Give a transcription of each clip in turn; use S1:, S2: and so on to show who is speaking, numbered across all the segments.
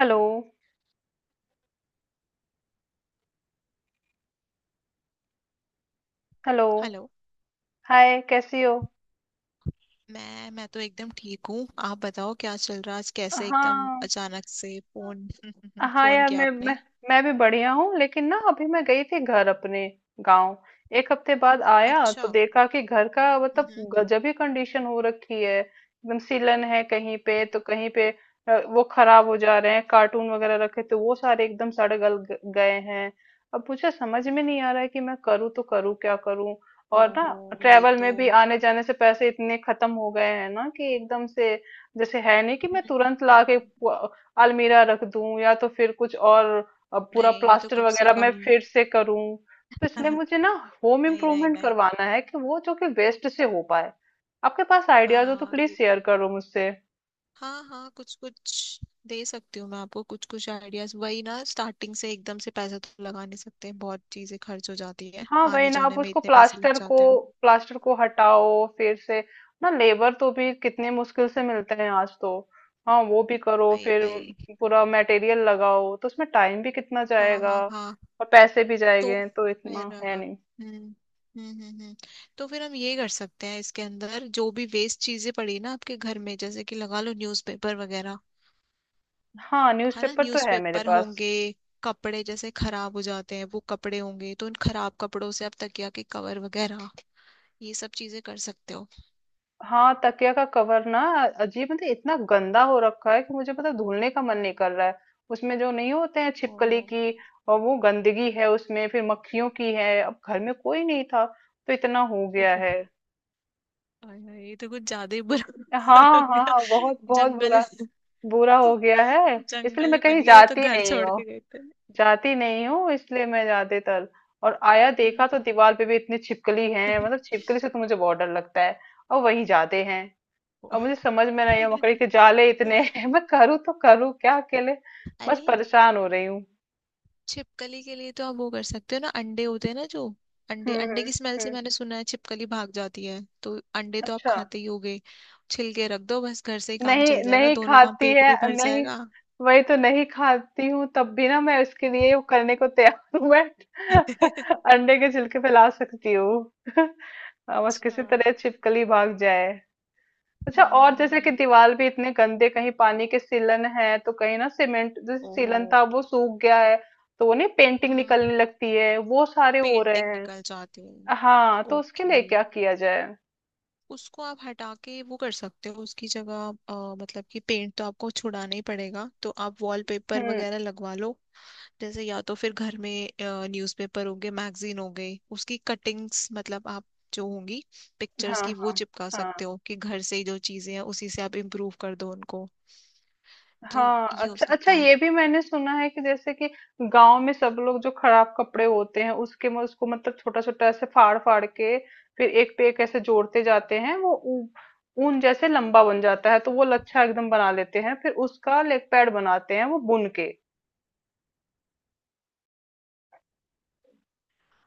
S1: Hello. Hello.
S2: Hello.
S1: Hi, कैसी हो?
S2: मैं तो एकदम ठीक हूँ। आप बताओ क्या चल रहा है, आज कैसे एकदम
S1: हाँ।
S2: अचानक से फोन
S1: हाँ
S2: फोन
S1: यार,
S2: किया
S1: मैं
S2: आपने।
S1: मैं भी बढ़िया हूँ। लेकिन ना, अभी मैं गई थी घर अपने गांव। एक हफ्ते बाद आया तो
S2: अच्छा।
S1: देखा कि घर का मतलब
S2: हम्म।
S1: गजब ही कंडीशन हो रखी है। एकदम सीलन है कहीं पे तो कहीं पे वो खराब हो जा रहे हैं। कार्टून वगैरह रखे तो वो सारे एकदम सड़ गल गए हैं। अब मुझे समझ में नहीं आ रहा है कि मैं करूँ तो करूँ क्या करूँ। और ना,
S2: ओहो, ये
S1: ट्रेवल
S2: तो।
S1: में भी आने जाने से पैसे इतने खत्म हो गए हैं ना कि एकदम से जैसे है नहीं कि
S2: हम्म,
S1: मैं
S2: हम्म,
S1: तुरंत लाके
S2: हम्म।
S1: अलमीरा रख दूं, या तो फिर कुछ और पूरा
S2: नहीं, ये तो
S1: प्लास्टर
S2: कम से
S1: वगैरह मैं
S2: कम।
S1: फिर से करूं। तो इसलिए मुझे ना होम
S2: नहीं नहीं
S1: इम्प्रूवमेंट
S2: नहीं।
S1: करवाना है कि वो जो कि वेस्ट से हो पाए। आपके पास आइडियाज हो तो
S2: हाँ
S1: प्लीज
S2: ये,
S1: शेयर करो मुझसे।
S2: हाँ हाँ, कुछ कुछ दे सकती हूँ मैं आपको, कुछ कुछ आइडियाज। वही ना, स्टार्टिंग से एकदम से पैसा तो लगा नहीं सकते, बहुत चीजें खर्च हो जाती है।
S1: हाँ वही
S2: आने
S1: ना, आप
S2: जाने में
S1: उसको
S2: इतने पैसे लग जाते हैं।
S1: प्लास्टर को हटाओ फिर से ना। लेबर तो भी कितने मुश्किल से मिलते हैं आज तो। हाँ वो भी करो
S2: भाई
S1: फिर।
S2: भाई।
S1: पूरा मटेरियल लगाओ तो उसमें टाइम भी कितना
S2: हाँ
S1: जाएगा
S2: हाँ हाँ।
S1: और पैसे भी
S2: तो
S1: जाएंगे, तो इतना
S2: फिर
S1: है नहीं।
S2: हम्म हम्म हम्म हम्म। तो फिर हम ये कर सकते हैं, इसके अंदर जो भी वेस्ट चीजें पड़ी ना आपके घर में, जैसे कि लगा लो न्यूज़पेपर वगैरह।
S1: हाँ,
S2: है ना,
S1: न्यूज़पेपर तो है मेरे
S2: न्यूज़पेपर
S1: पास।
S2: होंगे। कपड़े जैसे खराब हो जाते हैं, वो कपड़े होंगे, तो उन खराब कपड़ों से आप तकिया के कवर वगैरह ये सब चीजें कर सकते हो।
S1: हाँ, तकिया का कवर ना। अजीब, मतलब इतना गंदा हो रखा है कि मुझे पता है धुलने का मन नहीं कर रहा है। उसमें जो नहीं होते हैं छिपकली
S2: ओहो।
S1: की और वो गंदगी है उसमें, फिर मक्खियों की है। अब घर में कोई नहीं था तो इतना हो गया
S2: ओहो,
S1: है।
S2: आय हाय, ये तो कुछ ज्यादा ही बुरा हाल हो
S1: हाँ हाँ
S2: गया।
S1: हाँ, बहुत बहुत
S2: जंगल,
S1: बुरा। बुरा हो गया है। इसलिए
S2: जंगल
S1: मैं
S2: ही बन
S1: कहीं
S2: गया ये तो,
S1: जाती
S2: घर
S1: नहीं
S2: छोड़
S1: हूँ।
S2: के गए थे।
S1: जाती नहीं हूँ इसलिए मैं ज्यादातर। और आया देखा
S2: हम्म।
S1: तो दीवार पे भी इतनी छिपकली है। मतलब छिपकली से तो मुझे बहुत डर लगता है। और वही जाते हैं। और मुझे समझ में नहीं है, मकड़ी के जाले इतने हैं। मैं करूँ तो करूँ क्या अकेले। बस
S2: अरे,
S1: परेशान हो रही हूँ।
S2: छिपकली के लिए तो आप वो कर सकते हो ना, अंडे होते हैं ना जो, अंडे
S1: हम्म
S2: अंडे
S1: हम्म
S2: की स्मेल से
S1: हम्म,
S2: मैंने सुना है छिपकली भाग जाती है। तो अंडे तो आप
S1: अच्छा।
S2: खाते ही होगे, छिलके रख दो, बस घर से ही काम
S1: नहीं
S2: चल जाएगा,
S1: नहीं,
S2: दोनों काम,
S1: खाती
S2: पेट
S1: है
S2: भी भर
S1: नहीं।
S2: जाएगा।
S1: वही तो नहीं खाती हूँ, तब भी ना मैं इसके लिए वो करने को तैयार हूँ मैं। अंडे के छिलके फैला सकती हूँ। हाँ, बस
S2: अच्छा
S1: किसी तरह
S2: हम्म।
S1: छिपकली भाग जाए। अच्छा, और जैसे कि
S2: हम्म।
S1: दीवार भी इतने गंदे, कहीं पानी के सीलन है तो कहीं ना सीमेंट जैसे
S2: ओहो।
S1: सीलन था वो सूख गया है। तो वो नहीं, पेंटिंग
S2: हम्म।
S1: निकलने लगती है, वो सारे हो रहे
S2: पेंटिंग
S1: हैं।
S2: निकल जाती है।
S1: हाँ तो उसके
S2: ओके,
S1: लिए क्या किया जाए।
S2: उसको आप हटा के वो कर सकते हो, उसकी जगह मतलब कि पेंट तो आपको छुड़ाना ही पड़ेगा, तो आप वॉलपेपर
S1: हम्म।
S2: वगैरह लगवा लो। जैसे या तो फिर घर में न्यूज़पेपर हो गए, मैगजीन हो गई, उसकी कटिंग्स, मतलब आप, जो होंगी पिक्चर्स
S1: हाँ
S2: की, वो
S1: हाँ
S2: चिपका
S1: हाँ
S2: सकते हो कि घर से ही जो चीजें हैं उसी से आप इम्प्रूव कर दो उनको। तो
S1: हाँ।
S2: ये हो
S1: अच्छा अच्छा,
S2: सकता है।
S1: ये भी मैंने सुना है कि जैसे कि गांव में सब लोग जो खराब कपड़े होते हैं उसके में उसको मतलब छोटा छोटा ऐसे फाड़ फाड़ के फिर एक पे एक ऐसे जोड़ते जाते हैं। वो ऊन जैसे लंबा बन जाता है तो वो लच्छा एकदम बना लेते हैं। फिर उसका लेग पैड बनाते हैं वो बुन के।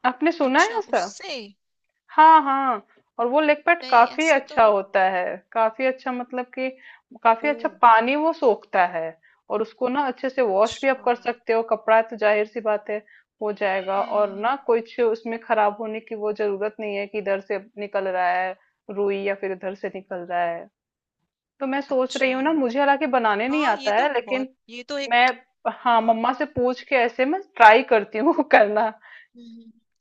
S1: आपने सुना है
S2: अच्छा,
S1: ऐसा।
S2: उससे।
S1: हाँ हाँ। और वो लेग पैड
S2: नहीं
S1: काफी
S2: ऐसा तो।
S1: अच्छा होता है। काफी अच्छा, मतलब कि काफी
S2: ओ।
S1: अच्छा पानी वो सोखता है। और उसको ना अच्छे से वॉश भी आप
S2: अच्छा।
S1: कर सकते हो, कपड़ा है तो जाहिर सी बात है हो जाएगा।
S2: हम्म हम्म
S1: और ना
S2: हम्म,
S1: कुछ उसमें खराब होने की वो जरूरत नहीं है कि इधर से निकल रहा है रुई या फिर इधर से निकल रहा है। तो मैं सोच रही
S2: अच्छा।
S1: हूँ ना, मुझे हालांकि बनाने नहीं
S2: हाँ ये
S1: आता
S2: तो
S1: है
S2: बहुत,
S1: लेकिन
S2: ये तो
S1: मैं,
S2: एक।
S1: हाँ
S2: हाँ।
S1: मम्मा से पूछ के ऐसे मैं ट्राई करती हूँ। करना।
S2: हम्म, हम्म।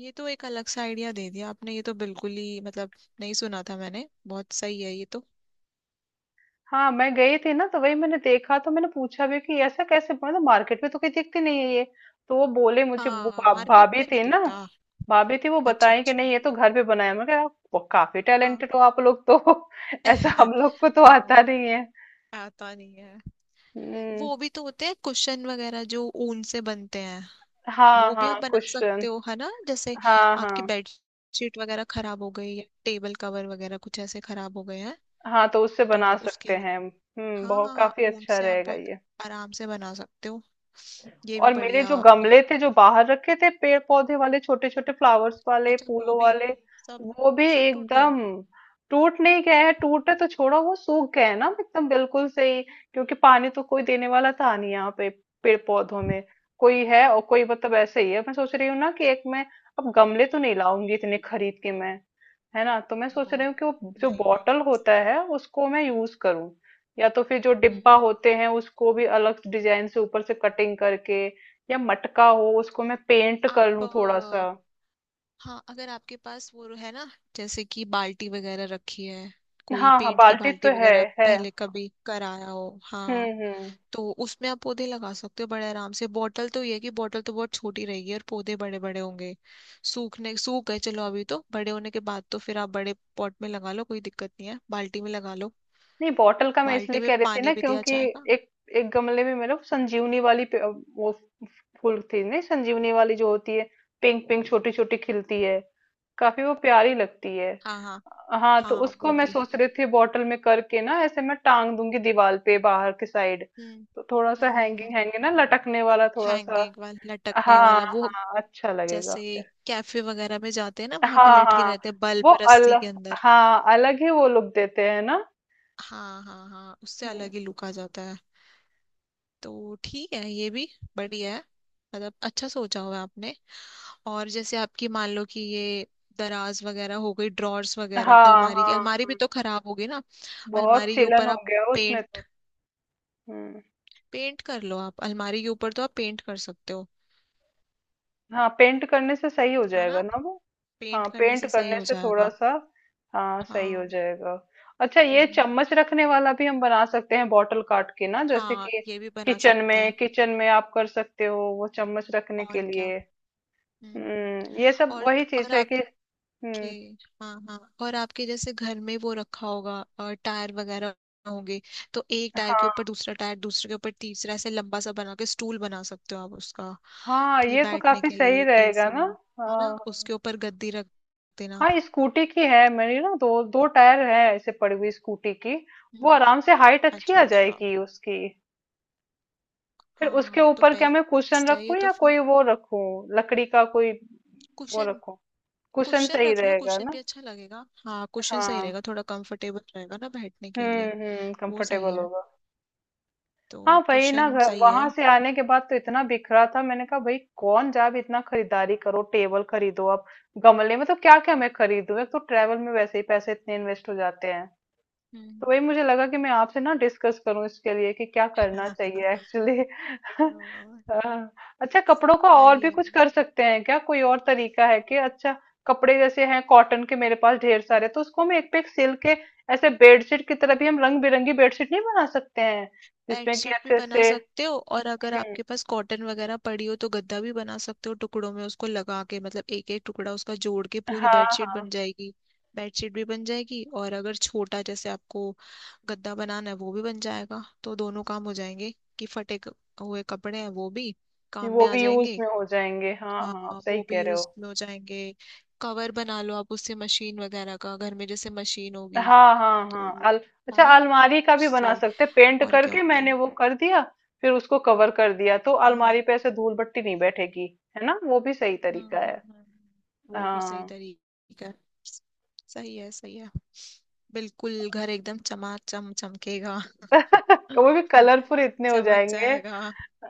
S2: ये तो एक अलग सा आइडिया दे दिया आपने, ये तो बिल्कुल ही मतलब नहीं सुना था मैंने, बहुत सही है ये तो।
S1: हाँ मैं गई थी ना, तो वही मैंने देखा तो मैंने पूछा भी कि ऐसा कैसे, मतलब मार्केट में तो कहीं दिखती नहीं है ये। तो वो बोले, मुझे वो
S2: हाँ, मार्केट
S1: भाभी
S2: में नहीं
S1: थी ना,
S2: दिखता।
S1: भाभी थी वो
S2: अच्छा
S1: बताए कि
S2: अच्छा।
S1: नहीं ये तो घर पे बनाया। मैं कहा, "आप वो काफी
S2: हाँ।
S1: टैलेंटेड हो आप लोग तो। ऐसा हम लोग को तो आता
S2: हाँ,
S1: नहीं है।"
S2: आता नहीं है।
S1: हम्म,
S2: वो भी तो होते हैं कुशन वगैरह जो ऊन से बनते हैं,
S1: हाँ
S2: वो
S1: हाँ
S2: भी आप बना
S1: क्वेश्चन।
S2: सकते हो। है ना, जैसे
S1: हाँ
S2: आपकी
S1: हाँ
S2: बेडशीट वगैरह खराब हो गई या टेबल कवर वगैरह कुछ ऐसे खराब हो गए हैं,
S1: हाँ, तो उससे
S2: तो
S1: बना
S2: उसके
S1: सकते
S2: लिए।
S1: हैं, हम्म,
S2: हाँ
S1: बहुत
S2: हाँ हाँ,
S1: काफी
S2: ऊन
S1: अच्छा
S2: से आप
S1: रहेगा
S2: बहुत
S1: ये।
S2: आराम से बना सकते हो, ये भी
S1: और मेरे
S2: बढ़िया।
S1: जो गमले थे जो बाहर रखे थे पेड़ पौधे वाले, छोटे छोटे फ्लावर्स वाले,
S2: अच्छा वो
S1: फूलों
S2: भी,
S1: वाले,
S2: सब,
S1: वो भी
S2: सब टूट गए।
S1: एकदम। टूट नहीं गए हैं, टूटे तो छोड़ो, वो सूख गए हैं ना एकदम बिल्कुल से ही। क्योंकि पानी तो कोई देने वाला था नहीं यहाँ पे पेड़ पौधों में। कोई है और कोई मतलब ऐसे ही है। मैं सोच रही हूँ ना कि एक मैं अब गमले तो नहीं लाऊंगी इतने खरीद के मैं। है ना, तो मैं सोच
S2: ओहो।
S1: रही हूँ कि वो जो
S2: नहीं नहीं।
S1: बॉटल होता है उसको मैं यूज करूँ। या तो फिर जो
S2: हम्म
S1: डिब्बा
S2: हम्म।
S1: होते हैं उसको भी अलग डिजाइन से ऊपर से कटिंग करके, या मटका हो उसको मैं पेंट कर
S2: आप
S1: लूँ थोड़ा सा।
S2: हाँ, अगर आपके पास वो है ना, जैसे कि बाल्टी वगैरह रखी है, कोई
S1: हाँ हाँ,
S2: पेंट की
S1: बाल्टी तो
S2: बाल्टी
S1: है।
S2: वगैरह
S1: है।
S2: पहले कभी कराया हो। हाँ,
S1: हम्म। हम्म।
S2: तो उसमें आप पौधे लगा सकते हो बड़े आराम से। बॉटल तो ये है कि बॉटल तो बहुत छोटी रहेगी और पौधे बड़े बड़े होंगे, सूखने सूख गए चलो, अभी तो बड़े होने के बाद तो फिर आप बड़े पॉट में लगा लो, कोई दिक्कत नहीं है, बाल्टी में लगा लो।
S1: नहीं, बॉटल का मैं
S2: बाल्टी
S1: इसलिए
S2: में
S1: कह रही थी ना
S2: पानी भी दिया
S1: क्योंकि
S2: जाएगा।
S1: एक एक गमले में मेरे संजीवनी वाली वो फूल थी नहीं, संजीवनी वाली जो होती है, पिंक पिंक छोटी छोटी खिलती है, काफी वो प्यारी लगती है।
S2: हाँ हाँ
S1: हाँ तो
S2: हाँ
S1: उसको
S2: वो
S1: मैं
S2: भी।
S1: सोच रही थी बॉटल में करके ना, ऐसे मैं टांग दूंगी दीवार पे बाहर की साइड।
S2: हम्म
S1: तो थोड़ा सा
S2: हम्म हम्म
S1: हैंगिंग
S2: हम्म।
S1: हैंगिंग ना, लटकने वाला थोड़ा सा।
S2: हैंगिंग वाला, लटकने
S1: हाँ
S2: वाला वो,
S1: हाँ, अच्छा लगेगा
S2: जैसे
S1: फिर।
S2: कैफे वगैरह में जाते हैं ना, वहां पे
S1: हाँ
S2: लटके
S1: हाँ,
S2: रहते हैं
S1: वो
S2: बल्ब
S1: अल,
S2: रस्सी के अंदर।
S1: हाँ अलग ही वो लुक देते हैं ना।
S2: हाँ हाँ हाँ, उससे
S1: हम्म,
S2: अलग ही लुक आ जाता है। तो ठीक है, ये भी बढ़िया है, मतलब अच्छा सोचा हुआ है आपने। और जैसे आपकी, मान लो कि ये दराज वगैरह हो गई, ड्रॉर्स वगैरह,
S1: हाँ
S2: अलमारी की,
S1: हाँ
S2: अलमारी भी
S1: हाँ,
S2: तो खराब होगी ना।
S1: बहुत
S2: अलमारी के
S1: सिलन
S2: ऊपर
S1: हो
S2: आप
S1: गया उसमें
S2: पेंट,
S1: तो। हम्म।
S2: पेंट कर लो, आप अलमारी के ऊपर तो आप पेंट कर सकते हो।
S1: हाँ, पेंट करने से सही हो
S2: है
S1: जाएगा
S2: ना,
S1: ना वो।
S2: पेंट
S1: हाँ
S2: करने
S1: पेंट
S2: से सही
S1: करने
S2: हो
S1: से थोड़ा
S2: जाएगा।
S1: सा, हाँ सही हो
S2: हाँ।
S1: जाएगा। अच्छा, ये
S2: हम्म,
S1: चम्मच रखने वाला भी हम बना सकते हैं बॉटल काट के ना, जैसे
S2: हाँ
S1: कि
S2: ये भी बना सकते हैं।
S1: किचन में आप कर सकते हो, वो चम्मच रखने के
S2: और क्या।
S1: लिए।
S2: हम्म हम्म, हम्म।
S1: हम्म, ये सब
S2: और
S1: वही चीज
S2: और
S1: है कि
S2: आपके,
S1: हम्म।
S2: हाँ हाँ और आपके जैसे घर में वो रखा होगा, और टायर वगैरह होंगे, तो एक टायर के
S1: हाँ
S2: ऊपर दूसरा टायर, दूसरे के ऊपर तीसरा, ऐसे लंबा सा बना के स्टूल बना सकते हो आप उसका,
S1: हाँ,
S2: कि
S1: ये तो
S2: बैठने
S1: काफी
S2: के
S1: सही
S2: लिए
S1: रहेगा
S2: इजी।
S1: ना।
S2: है ना,
S1: हाँ,
S2: उसके ऊपर गद्दी रख देना।
S1: हाँ स्कूटी की है मेरी ना, दो दो टायर है ऐसे पड़ी हुई स्कूटी की। वो
S2: हम्म।
S1: आराम से हाइट अच्छी
S2: अच्छा
S1: आ
S2: अच्छा।
S1: जाएगी उसकी। फिर उसके
S2: हाँ तो
S1: ऊपर क्या मैं कुशन
S2: बेस्ट है ये
S1: रखूं,
S2: तो
S1: या
S2: फिर।
S1: कोई वो रखूं, लकड़ी का कोई वो
S2: कुशन,
S1: रखूं, कुशन
S2: क्वेश्चन
S1: सही
S2: रख लो,
S1: रहेगा
S2: क्वेश्चन भी
S1: ना।
S2: अच्छा लगेगा, हाँ क्वेश्चन सही
S1: हाँ
S2: रहेगा, थोड़ा कंफर्टेबल रहेगा ना बैठने के लिए।
S1: हम्म,
S2: वो सही
S1: कंफर्टेबल
S2: है।
S1: होगा।
S2: तो
S1: हाँ भाई ना,
S2: क्वेश्चन
S1: घर
S2: सही है।
S1: वहां से आने के बाद तो इतना बिखरा था, मैंने कहा भाई कौन जाब इतना खरीदारी करो, टेबल खरीदो आप, गमले, मतलब क्या क्या मैं खरीदूं। एक तो ट्रेवल में वैसे ही पैसे इतने इन्वेस्ट हो जाते हैं। तो
S2: हम्म।
S1: वही मुझे लगा कि मैं आपसे ना डिस्कस करूं इसके लिए कि क्या करना चाहिए एक्चुअली।
S2: हाँ,
S1: अच्छा, कपड़ों का और
S2: सही
S1: भी
S2: है।
S1: कुछ कर सकते हैं क्या, कोई और तरीका है कि। अच्छा कपड़े जैसे हैं कॉटन के मेरे पास ढेर सारे, तो उसको हम एक पे एक सिल के ऐसे बेडशीट की तरह भी हम रंग बिरंगी बेडशीट नहीं बना सकते हैं, जिसमें कि
S2: बेडशीट भी
S1: अच्छे
S2: बना
S1: से।
S2: सकते हो, और अगर
S1: हम्म,
S2: आपके पास कॉटन वगैरह पड़ी हो तो गद्दा भी बना सकते हो, टुकड़ों में उसको लगा के, मतलब एक एक टुकड़ा उसका जोड़ के पूरी
S1: हाँ
S2: बेडशीट
S1: हाँ
S2: बन जाएगी। बेडशीट भी बन जाएगी, और अगर छोटा जैसे आपको गद्दा बनाना है वो भी बन जाएगा, तो दोनों काम हो जाएंगे। कि फटे हुए कपड़े हैं, वो भी काम
S1: वो
S2: में आ
S1: भी यूज
S2: जाएंगे।
S1: में हो जाएंगे। हाँ
S2: हाँ
S1: हाँ आप सही
S2: वो भी
S1: कह रहे
S2: यूज
S1: हो।
S2: में हो जाएंगे। कवर बना लो आप उससे, मशीन वगैरह का, घर में जैसे मशीन होगी
S1: हाँ हाँ
S2: तो।
S1: हाँ,
S2: है
S1: अच्छा
S2: ना,
S1: अलमारी का भी बना
S2: उससे।
S1: सकते पेंट
S2: और क्या
S1: करके,
S2: होता
S1: मैंने
S2: है।
S1: वो कर दिया फिर उसको कवर कर दिया तो
S2: हाँ
S1: अलमारी
S2: हाँ।
S1: पे ऐसे धूल बट्टी नहीं बैठेगी। है ना, वो भी सही
S2: हम्म
S1: तरीका है।
S2: हम्म हम्म। वो भी सही
S1: हाँ।
S2: तरीका है। सही है सही है, बिल्कुल घर एकदम चमाचम चमकेगा।
S1: वो भी कलरफुल इतने हो
S2: चमक
S1: जाएंगे।
S2: जाएगा,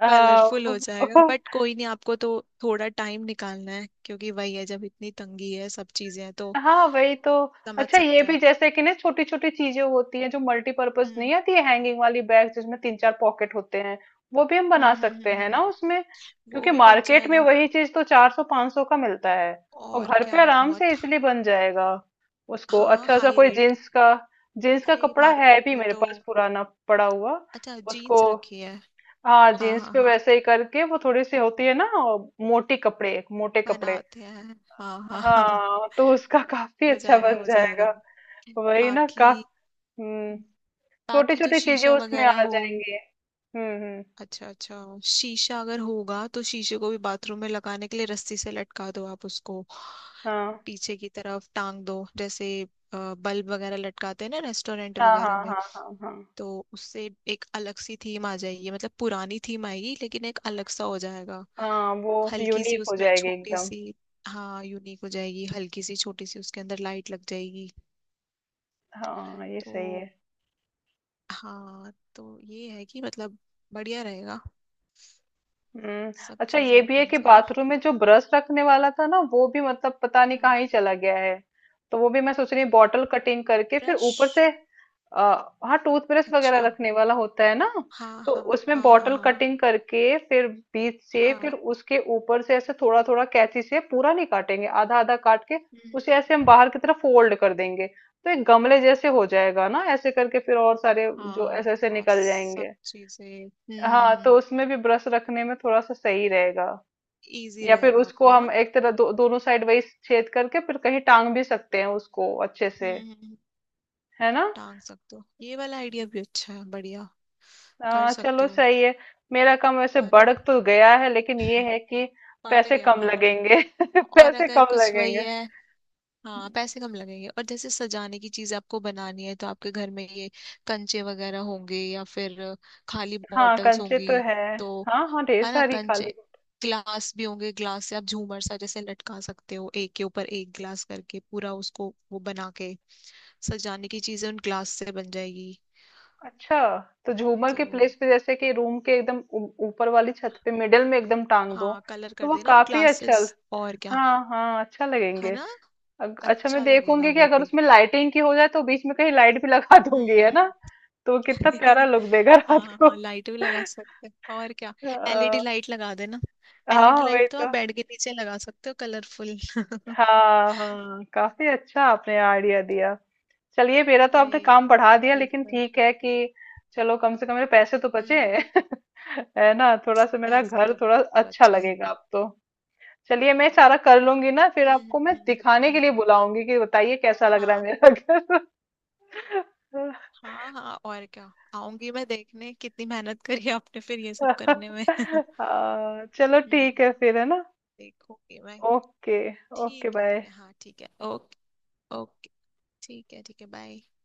S1: हाँ
S2: कलरफुल हो जाएगा। बट कोई नहीं, आपको तो थोड़ा टाइम निकालना है क्योंकि वही है, जब इतनी तंगी है सब चीजें हैं तो
S1: हाँ वही तो।
S2: समझ
S1: अच्छा, ये
S2: सकते
S1: भी
S2: हैं।
S1: जैसे कि ना, छोटी छोटी चीजें होती हैं जो मल्टीपर्पज
S2: हम्म
S1: नहीं आती है हैंगिंग वाली बैग जिसमें तीन चार पॉकेट होते हैं, वो भी हम बना सकते हैं
S2: हम्म।
S1: ना उसमें।
S2: वो
S1: क्योंकि
S2: भी बन
S1: मार्केट में
S2: जाएगा।
S1: वही चीज तो चार सौ पांच सौ का मिलता है और
S2: और
S1: घर पे
S2: क्या
S1: आराम से
S2: बहुत।
S1: इसलिए बन जाएगा। उसको
S2: हाँ
S1: अच्छा सा
S2: हाई
S1: कोई
S2: रेट।
S1: जीन्स का, जीन्स का
S2: अरे
S1: कपड़ा है
S2: मार्केट
S1: भी
S2: में
S1: मेरे
S2: तो।
S1: पास पुराना पड़ा हुआ,
S2: अच्छा
S1: उसको,
S2: जीन्स रखी है।
S1: हाँ
S2: हाँ
S1: जीन्स
S2: हाँ
S1: पे
S2: हाँ,
S1: वैसे ही करके वो थोड़ी सी होती है ना मोटी, कपड़े मोटे कपड़े।
S2: बनाते हैं। हाँ हाँ हाँ हाँ।
S1: हाँ तो उसका काफी
S2: हो
S1: अच्छा
S2: जाएगा
S1: बन
S2: हो
S1: जाएगा।
S2: जाएगा।
S1: वही ना
S2: बाकी,
S1: का, हम्म, छोटी
S2: बाकी जो
S1: छोटी चीजें
S2: शीशा
S1: उसमें
S2: वगैरह
S1: आ
S2: हो।
S1: जाएंगी। हम्म।
S2: अच्छा अच्छा, शीशा अगर होगा तो शीशे को भी बाथरूम में लगाने के लिए रस्सी से लटका दो आप उसको,
S1: हाँ
S2: पीछे की तरफ टांग दो, जैसे बल्ब वगैरह लटकाते हैं ना रेस्टोरेंट
S1: हाँ हाँ
S2: वगैरह में।
S1: हाँ हाँ। हाँ
S2: तो उससे एक अलग सी थीम आ जाएगी, मतलब पुरानी थीम आएगी लेकिन एक अलग सा हो जाएगा।
S1: हाँ, वो
S2: हल्की सी
S1: यूनिक हो
S2: उसमें
S1: जाएगी
S2: छोटी
S1: एकदम।
S2: सी। हाँ यूनिक हो जाएगी, हल्की सी छोटी सी उसके अंदर लाइट लग जाएगी।
S1: हाँ ये सही है।
S2: तो हाँ, तो ये है कि मतलब बढ़िया रहेगा,
S1: हम्म।
S2: सब
S1: अच्छा
S2: चीजें
S1: ये भी है
S2: एकदम
S1: कि
S2: से ना।
S1: बाथरूम में जो ब्रश रखने वाला था ना, वो भी मतलब पता नहीं
S2: हम्म।
S1: कहाँ ही चला गया है। तो वो भी मैं सोच रही हूँ बॉटल कटिंग करके फिर
S2: ब्रश,
S1: ऊपर से आ, हाँ टूथब्रश वगैरह
S2: अच्छा
S1: रखने वाला होता है ना।
S2: हाँ
S1: तो
S2: हाँ
S1: उसमें
S2: हाँ हाँ
S1: बॉटल
S2: हाँ।
S1: कटिंग करके फिर बीच से, फिर
S2: हाँ।
S1: उसके ऊपर से ऐसे थोड़ा थोड़ा कैंची से पूरा नहीं काटेंगे, आधा आधा काट के
S2: हम्म,
S1: उसे ऐसे हम बाहर की तरफ फोल्ड कर देंगे। तो एक गमले जैसे हो जाएगा ना, ऐसे करके फिर, और सारे जो ऐसे
S2: हाँ
S1: ऐसे
S2: और
S1: निकल
S2: सब
S1: जाएंगे।
S2: चीजें।
S1: हाँ तो उसमें भी ब्रश रखने में थोड़ा सा सही रहेगा।
S2: इजी
S1: या फिर
S2: रहेगा
S1: उसको
S2: आपको
S1: हम
S2: ना।
S1: एक तरह दो, दोनों साइड वही छेद करके फिर कहीं टांग भी सकते हैं उसको अच्छे से।
S2: हम्म, हम्म,
S1: है ना।
S2: टांग सकते हो, ये वाला आइडिया भी अच्छा है, बढ़िया। कर
S1: हाँ
S2: सकते
S1: चलो
S2: हो।
S1: सही है। मेरा काम वैसे
S2: है ना,
S1: बढ़ तो गया है, लेकिन ये है कि
S2: पड़
S1: पैसे कम
S2: गया।
S1: लगेंगे।
S2: और
S1: पैसे
S2: अगर
S1: कम
S2: कुछ वही
S1: लगेंगे।
S2: है। हाँ पैसे कम लगेंगे, और जैसे सजाने की चीजें आपको बनानी है तो आपके घर में ये कंचे वगैरह होंगे या फिर खाली
S1: हाँ
S2: बॉटल्स
S1: कंचे
S2: होंगी
S1: तो है।
S2: तो।
S1: हाँ हाँ ढेर
S2: है ना,
S1: सारी खाली।
S2: कंचे, ग्लास भी होंगे, ग्लास से आप झूमर सा जैसे लटका सकते हो, एक के ऊपर एक ग्लास करके पूरा उसको वो बना के, सजाने की चीजें उन ग्लास से बन जाएगी।
S1: अच्छा, तो झूमर
S2: तो
S1: के प्लेस पे जैसे कि रूम के एकदम ऊपर वाली छत पे मिडिल में एकदम टांग दो,
S2: हाँ, कलर
S1: तो
S2: कर
S1: वो
S2: देना उन
S1: काफी अच्छा।
S2: ग्लासेस। और क्या।
S1: हाँ हाँ, अच्छा
S2: है
S1: लगेंगे।
S2: ना,
S1: अच्छा मैं
S2: अच्छा लगेगा
S1: देखूंगी कि
S2: वो
S1: अगर
S2: भी।
S1: उसमें लाइटिंग की हो जाए तो बीच में कहीं लाइट भी लगा दूंगी है
S2: हम्म।
S1: ना, तो कितना प्यारा लुक देगा
S2: हाँ
S1: रात
S2: हाँ हाँ,
S1: को।
S2: लाइट भी लगा सकते हैं, और क्या।
S1: अ,
S2: एलईडी लाइट लगा देना, एलईडी
S1: हाँ वही
S2: लाइट तो
S1: तो।
S2: आप बेड के नीचे लगा सकते हो कलरफुल।
S1: हाँ हाँ, काफी अच्छा आपने आइडिया दिया। चलिए मेरा तो आपने
S2: आई आई,
S1: काम बढ़ा दिया, लेकिन
S2: बिल्कुल।
S1: ठीक है कि चलो कम से कम मेरे पैसे तो बचे।
S2: हम्म,
S1: है ना, थोड़ा सा मेरा
S2: पैसे
S1: घर
S2: तो
S1: थोड़ा अच्छा
S2: बचे हैं।
S1: लगेगा अब तो। चलिए मैं सारा कर लूंगी ना फिर
S2: हम्म
S1: आपको मैं
S2: हम्म हम्म, हम्म,
S1: दिखाने के
S2: हम्म।
S1: लिए बुलाऊंगी कि बताइए कैसा लग रहा है
S2: हाँ
S1: मेरा घर।
S2: हाँ हाँ, और क्या आऊंगी मैं देखने कितनी मेहनत करी आपने फिर ये सब करने में।
S1: हाँ, चलो
S2: हम्म,
S1: ठीक है फिर है ना।
S2: देखूंगी मैं।
S1: ओके। ओके,
S2: ठीक है ठीक
S1: बाय।
S2: है, हाँ ठीक है ओके। ओके, ठीक है ठीक है, बाय।